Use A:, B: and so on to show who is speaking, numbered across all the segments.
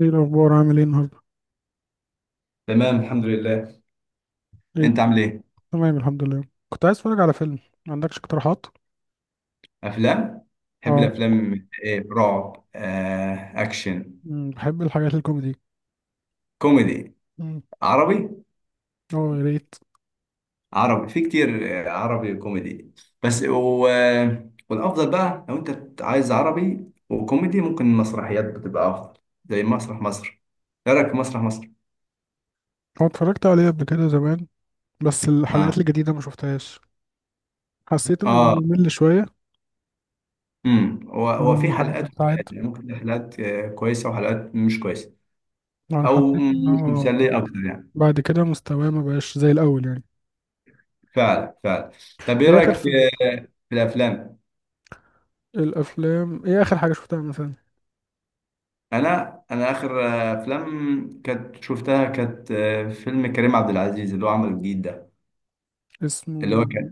A: ايه الاخبار؟ عامل ايه النهارده؟
B: تمام، الحمد لله.
A: ايه،
B: انت عامل ايه؟
A: تمام الحمد لله. كنت عايز اتفرج على فيلم، ما عندكش اقتراحات؟
B: افلام. بحب
A: اه.
B: الافلام. ايه؟ رعب، اكشن،
A: بحب الحاجات الكوميدي.
B: كوميدي.
A: أمم،
B: عربي.
A: اه يا ريت.
B: عربي في كتير. عربي وكوميدي. بس و... آه، والافضل بقى، لو انت عايز عربي وكوميدي ممكن المسرحيات بتبقى افضل، زي مسرح مصر. ايه رايك في مسرح مصر؟
A: هو اتفرجت عليه قبل كده زمان، بس الحلقات
B: اه.
A: الجديده ما شفتهاش. حسيت انه
B: اه.
A: بممل شويه،
B: هو
A: من
B: في
A: الحاجات
B: حلقات
A: بتتعاد.
B: وحلقات، يعني ممكن حلقات كويسه وحلقات مش كويسه،
A: انا
B: او
A: حسيت
B: مش
A: انه
B: مثاليه اكتر يعني.
A: بعد كده مستواه ما بقاش زي الاول يعني.
B: فعلا، فعلا. طب ايه
A: ايه
B: رايك
A: اخر
B: في
A: فيلم شفته؟
B: في الافلام؟
A: الافلام، ايه اخر حاجه شفتها مثلا؟
B: انا اخر افلام كانت شفتها، كانت فيلم كريم عبد العزيز اللي هو عمله الجديد ده. اللي
A: اسمه،
B: هو كان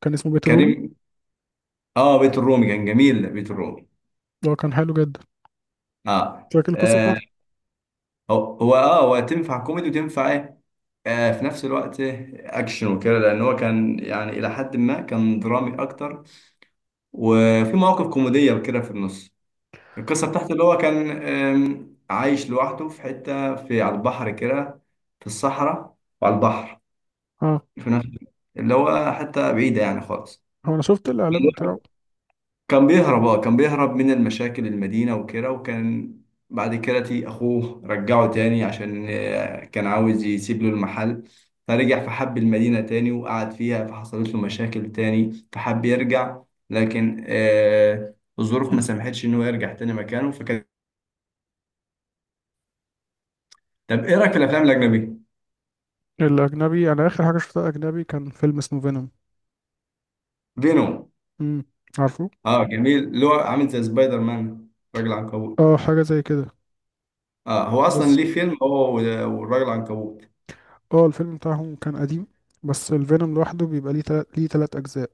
A: كان اسمه بيت الروبي.
B: كريم. اه، بيت الرومي كان جميل، بيت الرومي.
A: ده كان حلو جدا.
B: اه.
A: فاكر القصه بتاعته؟
B: هو تنفع كوميدي وتنفع ايه، في نفس الوقت، اكشن وكده، لان هو كان يعني الى حد ما كان درامي اكتر، وفي مواقف كوميديه وكده في النص. القصة بتاعته، اللي هو كان عايش لوحده في حتة، على البحر كده، في الصحراء وعلى البحر،
A: اه.
B: في نفس الوقت، اللي هو حتة بعيدة يعني خالص.
A: هو انا شفت الاعلان بتاعه.
B: كان بيهرب من المشاكل المدينة وكده. وكان بعد كده أخوه رجعه تاني، عشان كان عاوز يسيب له المحل. فرجع فحب المدينة تاني وقعد فيها، فحصلت له مشاكل تاني فحب يرجع، لكن الظروف ما سمحتش إن هو يرجع تاني مكانه، فكان. طب إيه رأيك في الأفلام الأجنبية؟
A: الأجنبي أنا آخر حاجة شفتها أجنبي كان فيلم اسمه فينوم.
B: فينوم.
A: امم، عارفه؟
B: اه، جميل. اللي هو عامل زي سبايدر مان، راجل عنكبوت.
A: اه حاجة زي كده.
B: اه، هو اصلا
A: بس
B: ليه فيلم، هو والراجل العنكبوت.
A: اه، الفيلم بتاعهم كان قديم، بس الفينوم لوحده بيبقى ليه تلات ليه تلات أجزاء.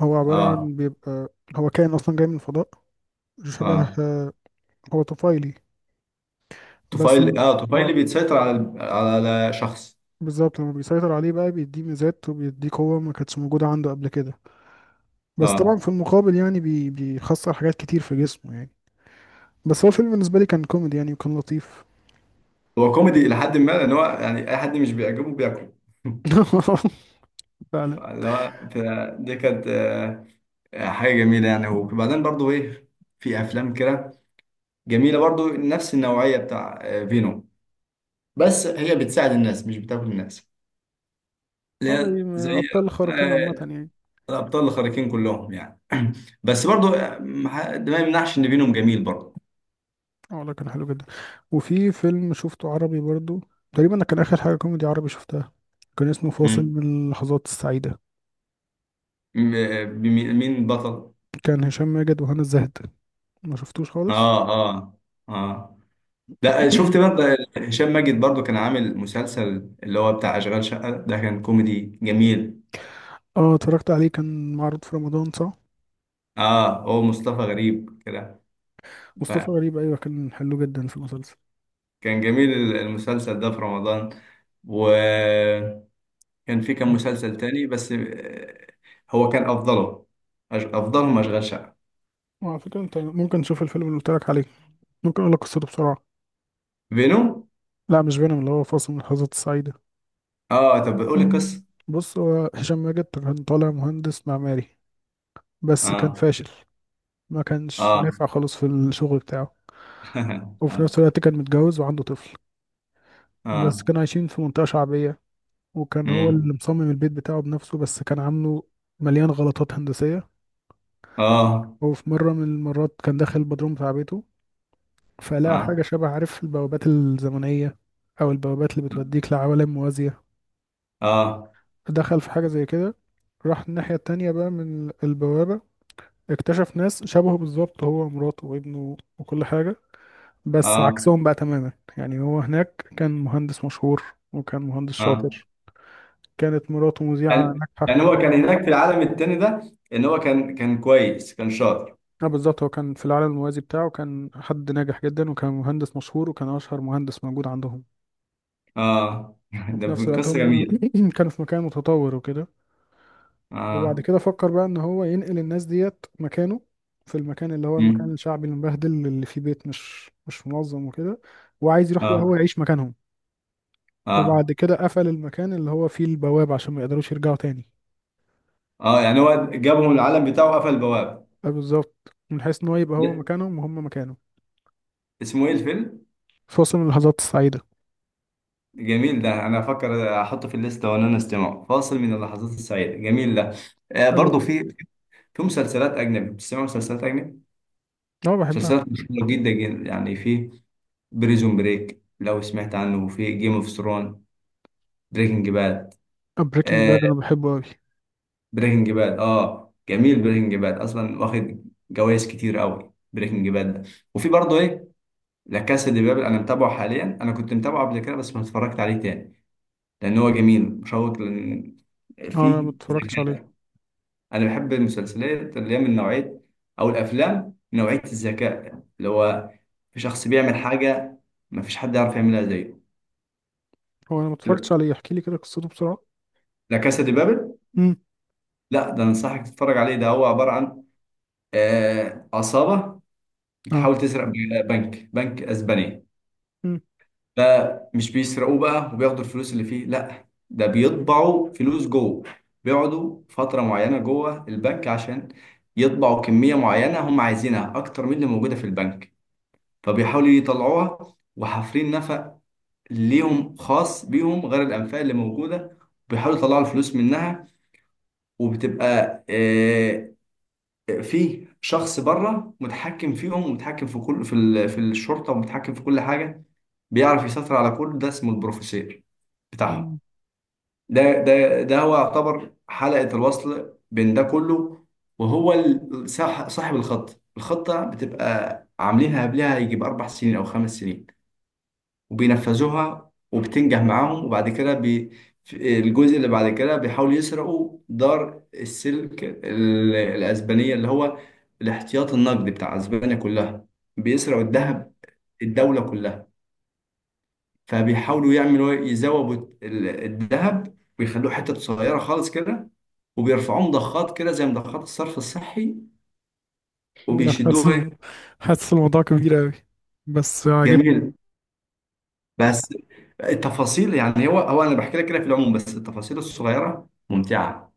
A: هو عبارة
B: اه.
A: عن بيبقى هو كائن أصلا جاي من الفضاء، شبه
B: اه.
A: هو طفيلي. بس لم- اه
B: طفيلي بيتسيطر على شخص.
A: بالظبط، لما بيسيطر عليه بقى بيديه ميزات وبيديه قوة ما كانتش موجودة عنده قبل كده. بس طبعا في
B: اه،
A: المقابل يعني بيخسر حاجات كتير في جسمه يعني. بس هو الفيلم بالنسبة لي كان كوميدي يعني وكان لطيف.
B: هو كوميدي الى حد ما، لان هو يعني اي حد مش بيعجبه بياكله.
A: فعلا.
B: دي كانت حاجه جميله يعني. وبعدين برضو ايه؟ في افلام كده جميله برضو، نفس النوعيه بتاع فينوم، بس هي بتساعد الناس مش بتاكل الناس. اللي
A: هذا
B: هي زي
A: أبطال الخارقين عامة
B: آه،
A: يعني.
B: الابطال الخارقين كلهم يعني. بس برضو، ما ده ما يمنعش ان بينهم جميل برضو.
A: اه والله كان حلو جدا. وفي فيلم شفته عربي برضو، تقريبا كان آخر حاجة كوميدي عربي شفتها، كان اسمه فاصل
B: مم.
A: من اللحظات السعيدة.
B: مين بطل؟
A: كان هشام ماجد وهنا الزاهد، ما شفتوش خالص؟
B: اه. اه. اه. ده شفت برضه. هشام ماجد برضو كان عامل مسلسل، اللي هو بتاع اشغال شقه ده، كان كوميدي جميل.
A: اه اتفرجت عليه، كان معروض في رمضان صح.
B: اه، هو مصطفى غريب كده.
A: مصطفى
B: فكان
A: غريب، أيوة كان حلو جدا في المسلسل.
B: جميل المسلسل ده في رمضان، وكان في كام مسلسل تاني، بس هو كان افضله. افضلهم اشغال شقه.
A: وعلى فكرة انت ممكن تشوف الفيلم اللي قلت لك عليه، ممكن اقول لك قصته بسرعة.
B: بينهم.
A: لا مش فينوم، اللي هو فاصل من اللحظات السعيدة.
B: اه، طب قول القصه.
A: بص، هو هشام ماجد كان طالع مهندس معماري بس كان
B: اه.
A: فاشل. ما كانش
B: اه.
A: نافع خالص في الشغل بتاعه. وفي
B: اه.
A: نفس الوقت كان متجوز وعنده طفل، بس
B: اه.
A: كانوا عايشين في منطقة شعبية. وكان هو اللي
B: امم
A: مصمم البيت بتاعه بنفسه، بس كان عامله مليان غلطات هندسية.
B: اه.
A: وفي مرة من المرات كان داخل البدروم بتاع بيته، فلقى
B: اه.
A: حاجة شبه عارف البوابات الزمنية، أو البوابات اللي بتوديك لعوالم موازية.
B: اه.
A: دخل في حاجة زي كده، راح الناحية التانية بقى من البوابة، اكتشف ناس شبهه بالظبط، هو ومراته وابنه وكل حاجة، بس
B: اه.
A: عكسهم بقى تماما. يعني هو هناك كان مهندس مشهور وكان مهندس
B: اه.
A: شاطر، كانت مراته مذيعة
B: يعني
A: ناجحة.
B: يعني هو كان هناك في العالم التاني ده، ان هو كان كويس، كان شاطر.
A: اه بالظبط، هو كان في العالم الموازي بتاعه كان حد ناجح جدا، وكان مهندس مشهور وكان أشهر مهندس موجود عندهم.
B: اه. ده
A: وفي نفس الوقت
B: قصه
A: هم
B: جميله.
A: كانوا في مكان متطور وكده. وبعد
B: اه.
A: كده فكر بقى إن هو ينقل الناس ديت مكانه، في المكان اللي هو المكان
B: امم
A: الشعبي المبهدل اللي فيه بيت مش منظم وكده، وعايز يروح بقى
B: اه.
A: هو يعيش مكانهم. وبعد
B: اه.
A: كده قفل المكان اللي هو فيه البوابة عشان ما يقدروش يرجعوا تاني.
B: اه. يعني هو جابهم العالم بتاعه وقفل البوابه.
A: اه بالظبط، من حيث ان هو يبقى هو
B: لا.
A: مكانهم وهم مكانه.
B: اسمه ايه الفيلم؟
A: فاصل من اللحظات السعيدة.
B: جميل ده. انا افكر احطه في الليسته، وانا استمعه فاصل من اللحظات السعيده، جميل ده.
A: حلو.
B: برضو في مسلسلات أجنبي، بتسمع مسلسلات أجنبي؟
A: اه بحبها.
B: مسلسلات مشهورة جدا جدا، يعني في بريزون بريك، لو سمعت عنه، وفي جيم اوف ثرون، بريكنج باد.
A: بريكنج
B: آه
A: باد انا بحبه قوي.
B: بريكنج باد، اه، جميل. بريكنج باد اصلا واخد جوائز كتير قوي، بريكنج باد ده. وفي برضه ايه، لا كاسا دي بابل، انا متابعه حاليا. انا كنت متابعه قبل كده، بس ما اتفرجت عليه تاني، لان هو جميل مشوق، لان
A: اه انا ما
B: فيه
A: اتفرجتش
B: ذكاء.
A: عليه.
B: انا بحب المسلسلات اللي هي من نوعيه، او الافلام من نوعيه الذكاء، يعني اللي هو في شخص بيعمل حاجه ما فيش حد يعرف يعملها زيه.
A: هو انا ما اتفرجتش
B: تبقى-
A: عليه، احكي لي كده قصته بسرعة.
B: لا كاسا دي بابل.
A: امم.
B: لا، ده انصحك تتفرج عليه. ده هو عباره عن عصابه
A: اه.
B: بتحاول تسرق بنك اسباني.
A: امم.
B: فمش بيسرقوه بقى وبياخدوا الفلوس اللي فيه، لا ده بيطبعوا فلوس جوه. بيقعدوا فتره معينه جوه البنك، عشان يطبعوا كميه معينه هم عايزينها اكتر من اللي موجوده في البنك. فبيحاولوا يطلعوها، وحافرين نفق ليهم خاص بيهم غير الأنفاق اللي موجودة، بيحاولوا يطلعوا الفلوس منها. وبتبقى في شخص بره متحكم فيهم، ومتحكم في كل، في الشرطة، ومتحكم في كل حاجة، بيعرف يسيطر على كل ده، اسمه البروفيسير بتاعهم.
A: أمم.
B: ده هو يعتبر حلقة الوصل بين ده كله. وهو صاحب الخطة، بتبقى عاملينها قبلها يجيب 4 سنين أو 5 سنين، وبينفذوها وبتنجح معاهم. وبعد كده في الجزء اللي بعد كده، بيحاولوا يسرقوا دار السلك الأسبانية، اللي هو الاحتياط النقدي بتاع أسبانيا كلها. بيسرقوا
A: أمم.
B: الذهب، الدولة كلها. فبيحاولوا يعملوا يزوبوا الذهب، ويخلوه حتة صغيرة خالص كده، وبيرفعوه مضخات كده، زي مضخات الصرف الصحي،
A: أنا حاسس
B: وبيشدوه ايه.
A: إنه- حاسس الموضوع كبير قوي بس عاجبني.
B: جميل، بس التفاصيل يعني. هو انا بحكي لك كده في العموم، بس التفاصيل الصغيرة ممتعة.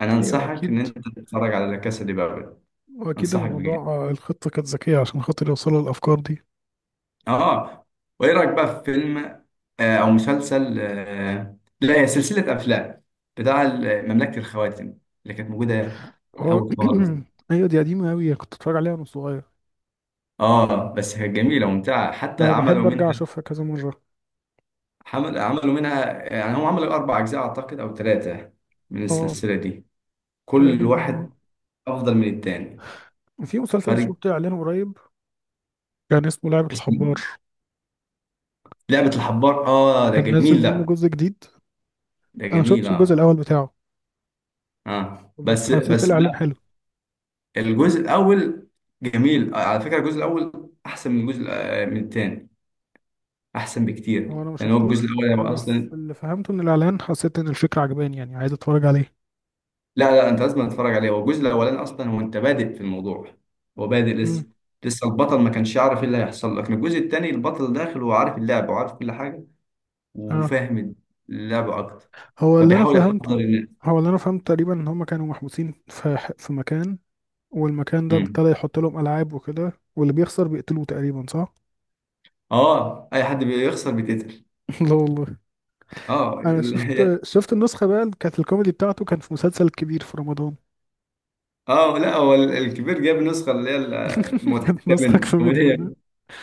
B: انا
A: ايوه
B: انصحك
A: اكيد،
B: ان انت تتفرج على لا كاسا دي بابل.
A: واكيد
B: انصحك بجد.
A: الموضوع الخطه كانت ذكيه عشان خاطر يوصلوا للافكار دي.
B: اه. وايه رايك بقى في فيلم، او مسلسل، لا، هي سلسله افلام، بتاع مملكه الخواتم، اللي كانت موجوده
A: اه.
B: الاول خالص دي؟
A: ايوه دي قديمة قوي، كنت اتفرج عليها وانا صغير.
B: اه، بس كانت جميله وممتعه، حتى
A: اه
B: عملوا
A: بحب
B: منها.
A: ارجع اشوفها كذا مرة.
B: عملوا منها يعني، هم عملوا اربع اجزاء اعتقد او ثلاثه، من
A: اه
B: السلسله دي، كل
A: تقريبا اه.
B: واحد افضل من الثاني.
A: في مسلسل
B: هذه.
A: شفته اعلانه قريب، كان اسمه لعبة
B: اسمه
A: الحبار.
B: إيه؟ لعبه الحبار، اه ده
A: كان نزل
B: جميل
A: منه
B: ده.
A: جزء جديد،
B: ده
A: انا ما
B: جميل،
A: شفتش الجزء
B: اه.
A: الاول بتاعه،
B: اه،
A: بس حسيت
B: بس
A: الاعلان حلو.
B: الجزء الاول. جميل على فكره، الجزء الاول احسن من الجزء من الثاني، احسن
A: هو
B: بكتير،
A: انا ما
B: لان هو الجزء
A: شفتوش،
B: الاول هو
A: بس
B: اصلا.
A: اللي فهمته من الاعلان حسيت ان الفكرة عجباني يعني عايز اتفرج عليه.
B: لا، لا، انت لازم تتفرج عليه. هو الجزء الاولاني اصلا، هو انت بادئ في الموضوع، هو بادئ
A: امم.
B: لسه. لسه البطل ما كانش يعرف ايه اللي هيحصل لك. الجزء الثاني البطل داخل، وعارف اللعبه وعارف كل حاجه،
A: اه.
B: وفاهم اللعبه اكتر،
A: هو اللي انا
B: فبيحاول يحضر
A: فهمته،
B: الناس.
A: هو اللي انا فهمت تقريبا ان هم كانوا محبوسين في مكان، والمكان ده
B: امم
A: ابتدى يحط لهم العاب وكده، واللي بيخسر بيقتلوه تقريبا صح؟
B: اه، اي حد بيخسر بيتقتل.
A: لا والله.
B: اه،
A: انا شفت شفت النسخة بقى اللي كانت الكوميدي بتاعته، كان في مسلسل كبير في رمضان.
B: اه، لا، هو الكبير جاب النسخه اللي هي
A: كانت
B: المضحكه
A: نسخة
B: منه.
A: كوميدي منها.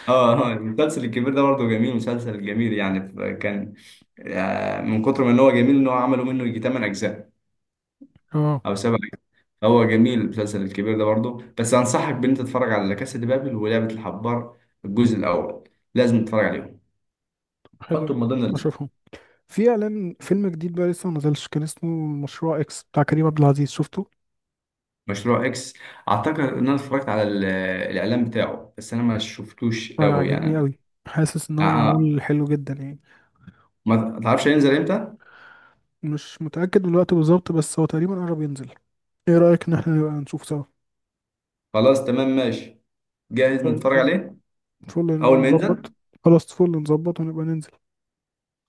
B: اه، المسلسل الكبير ده برضه جميل، مسلسل جميل، يعني كان من كتر ما ان هو جميل، ان هو عملوا منه يجي 8 اجزاء
A: اه
B: او 7 اجزاء. هو جميل المسلسل الكبير ده برضه، بس انصحك بان انت تتفرج على لا كاسا دي بابل ولعبة الحبار، الجزء الاول، لازم تتفرج عليهم.
A: حلو جدا
B: حطهم من ضمن الليست.
A: اشوفهم. في اعلان فيلم جديد بقى لسه ما نزلش، كان اسمه مشروع اكس بتاع كريم عبد العزيز، شفته؟
B: مشروع اكس. اعتقد ان انا اتفرجت على الاعلان بتاعه، بس انا ما شفتوش
A: انا
B: قوي
A: عاجبني
B: يعني.
A: قوي، حاسس ان
B: آه.
A: هو
B: آه.
A: معمول حلو جدا يعني.
B: ما تعرفش هينزل امتى.
A: مش متأكد من الوقت بالظبط، بس هو تقريبا قرب ينزل. ايه رأيك ان احنا نبقى نشوف سوا؟
B: خلاص تمام ماشي، جاهز
A: طيب
B: نتفرج
A: فل،
B: عليه
A: فل نبقى
B: اول ما ينزل.
A: نظبط. خلاص فل نظبط ونبقى ننزل.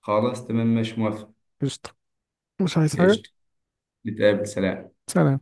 B: خلاص تمام ماشي، موافق.
A: قشطة. مش عايز حاجة.
B: قشطة. نتقابل، سلام.
A: سلام.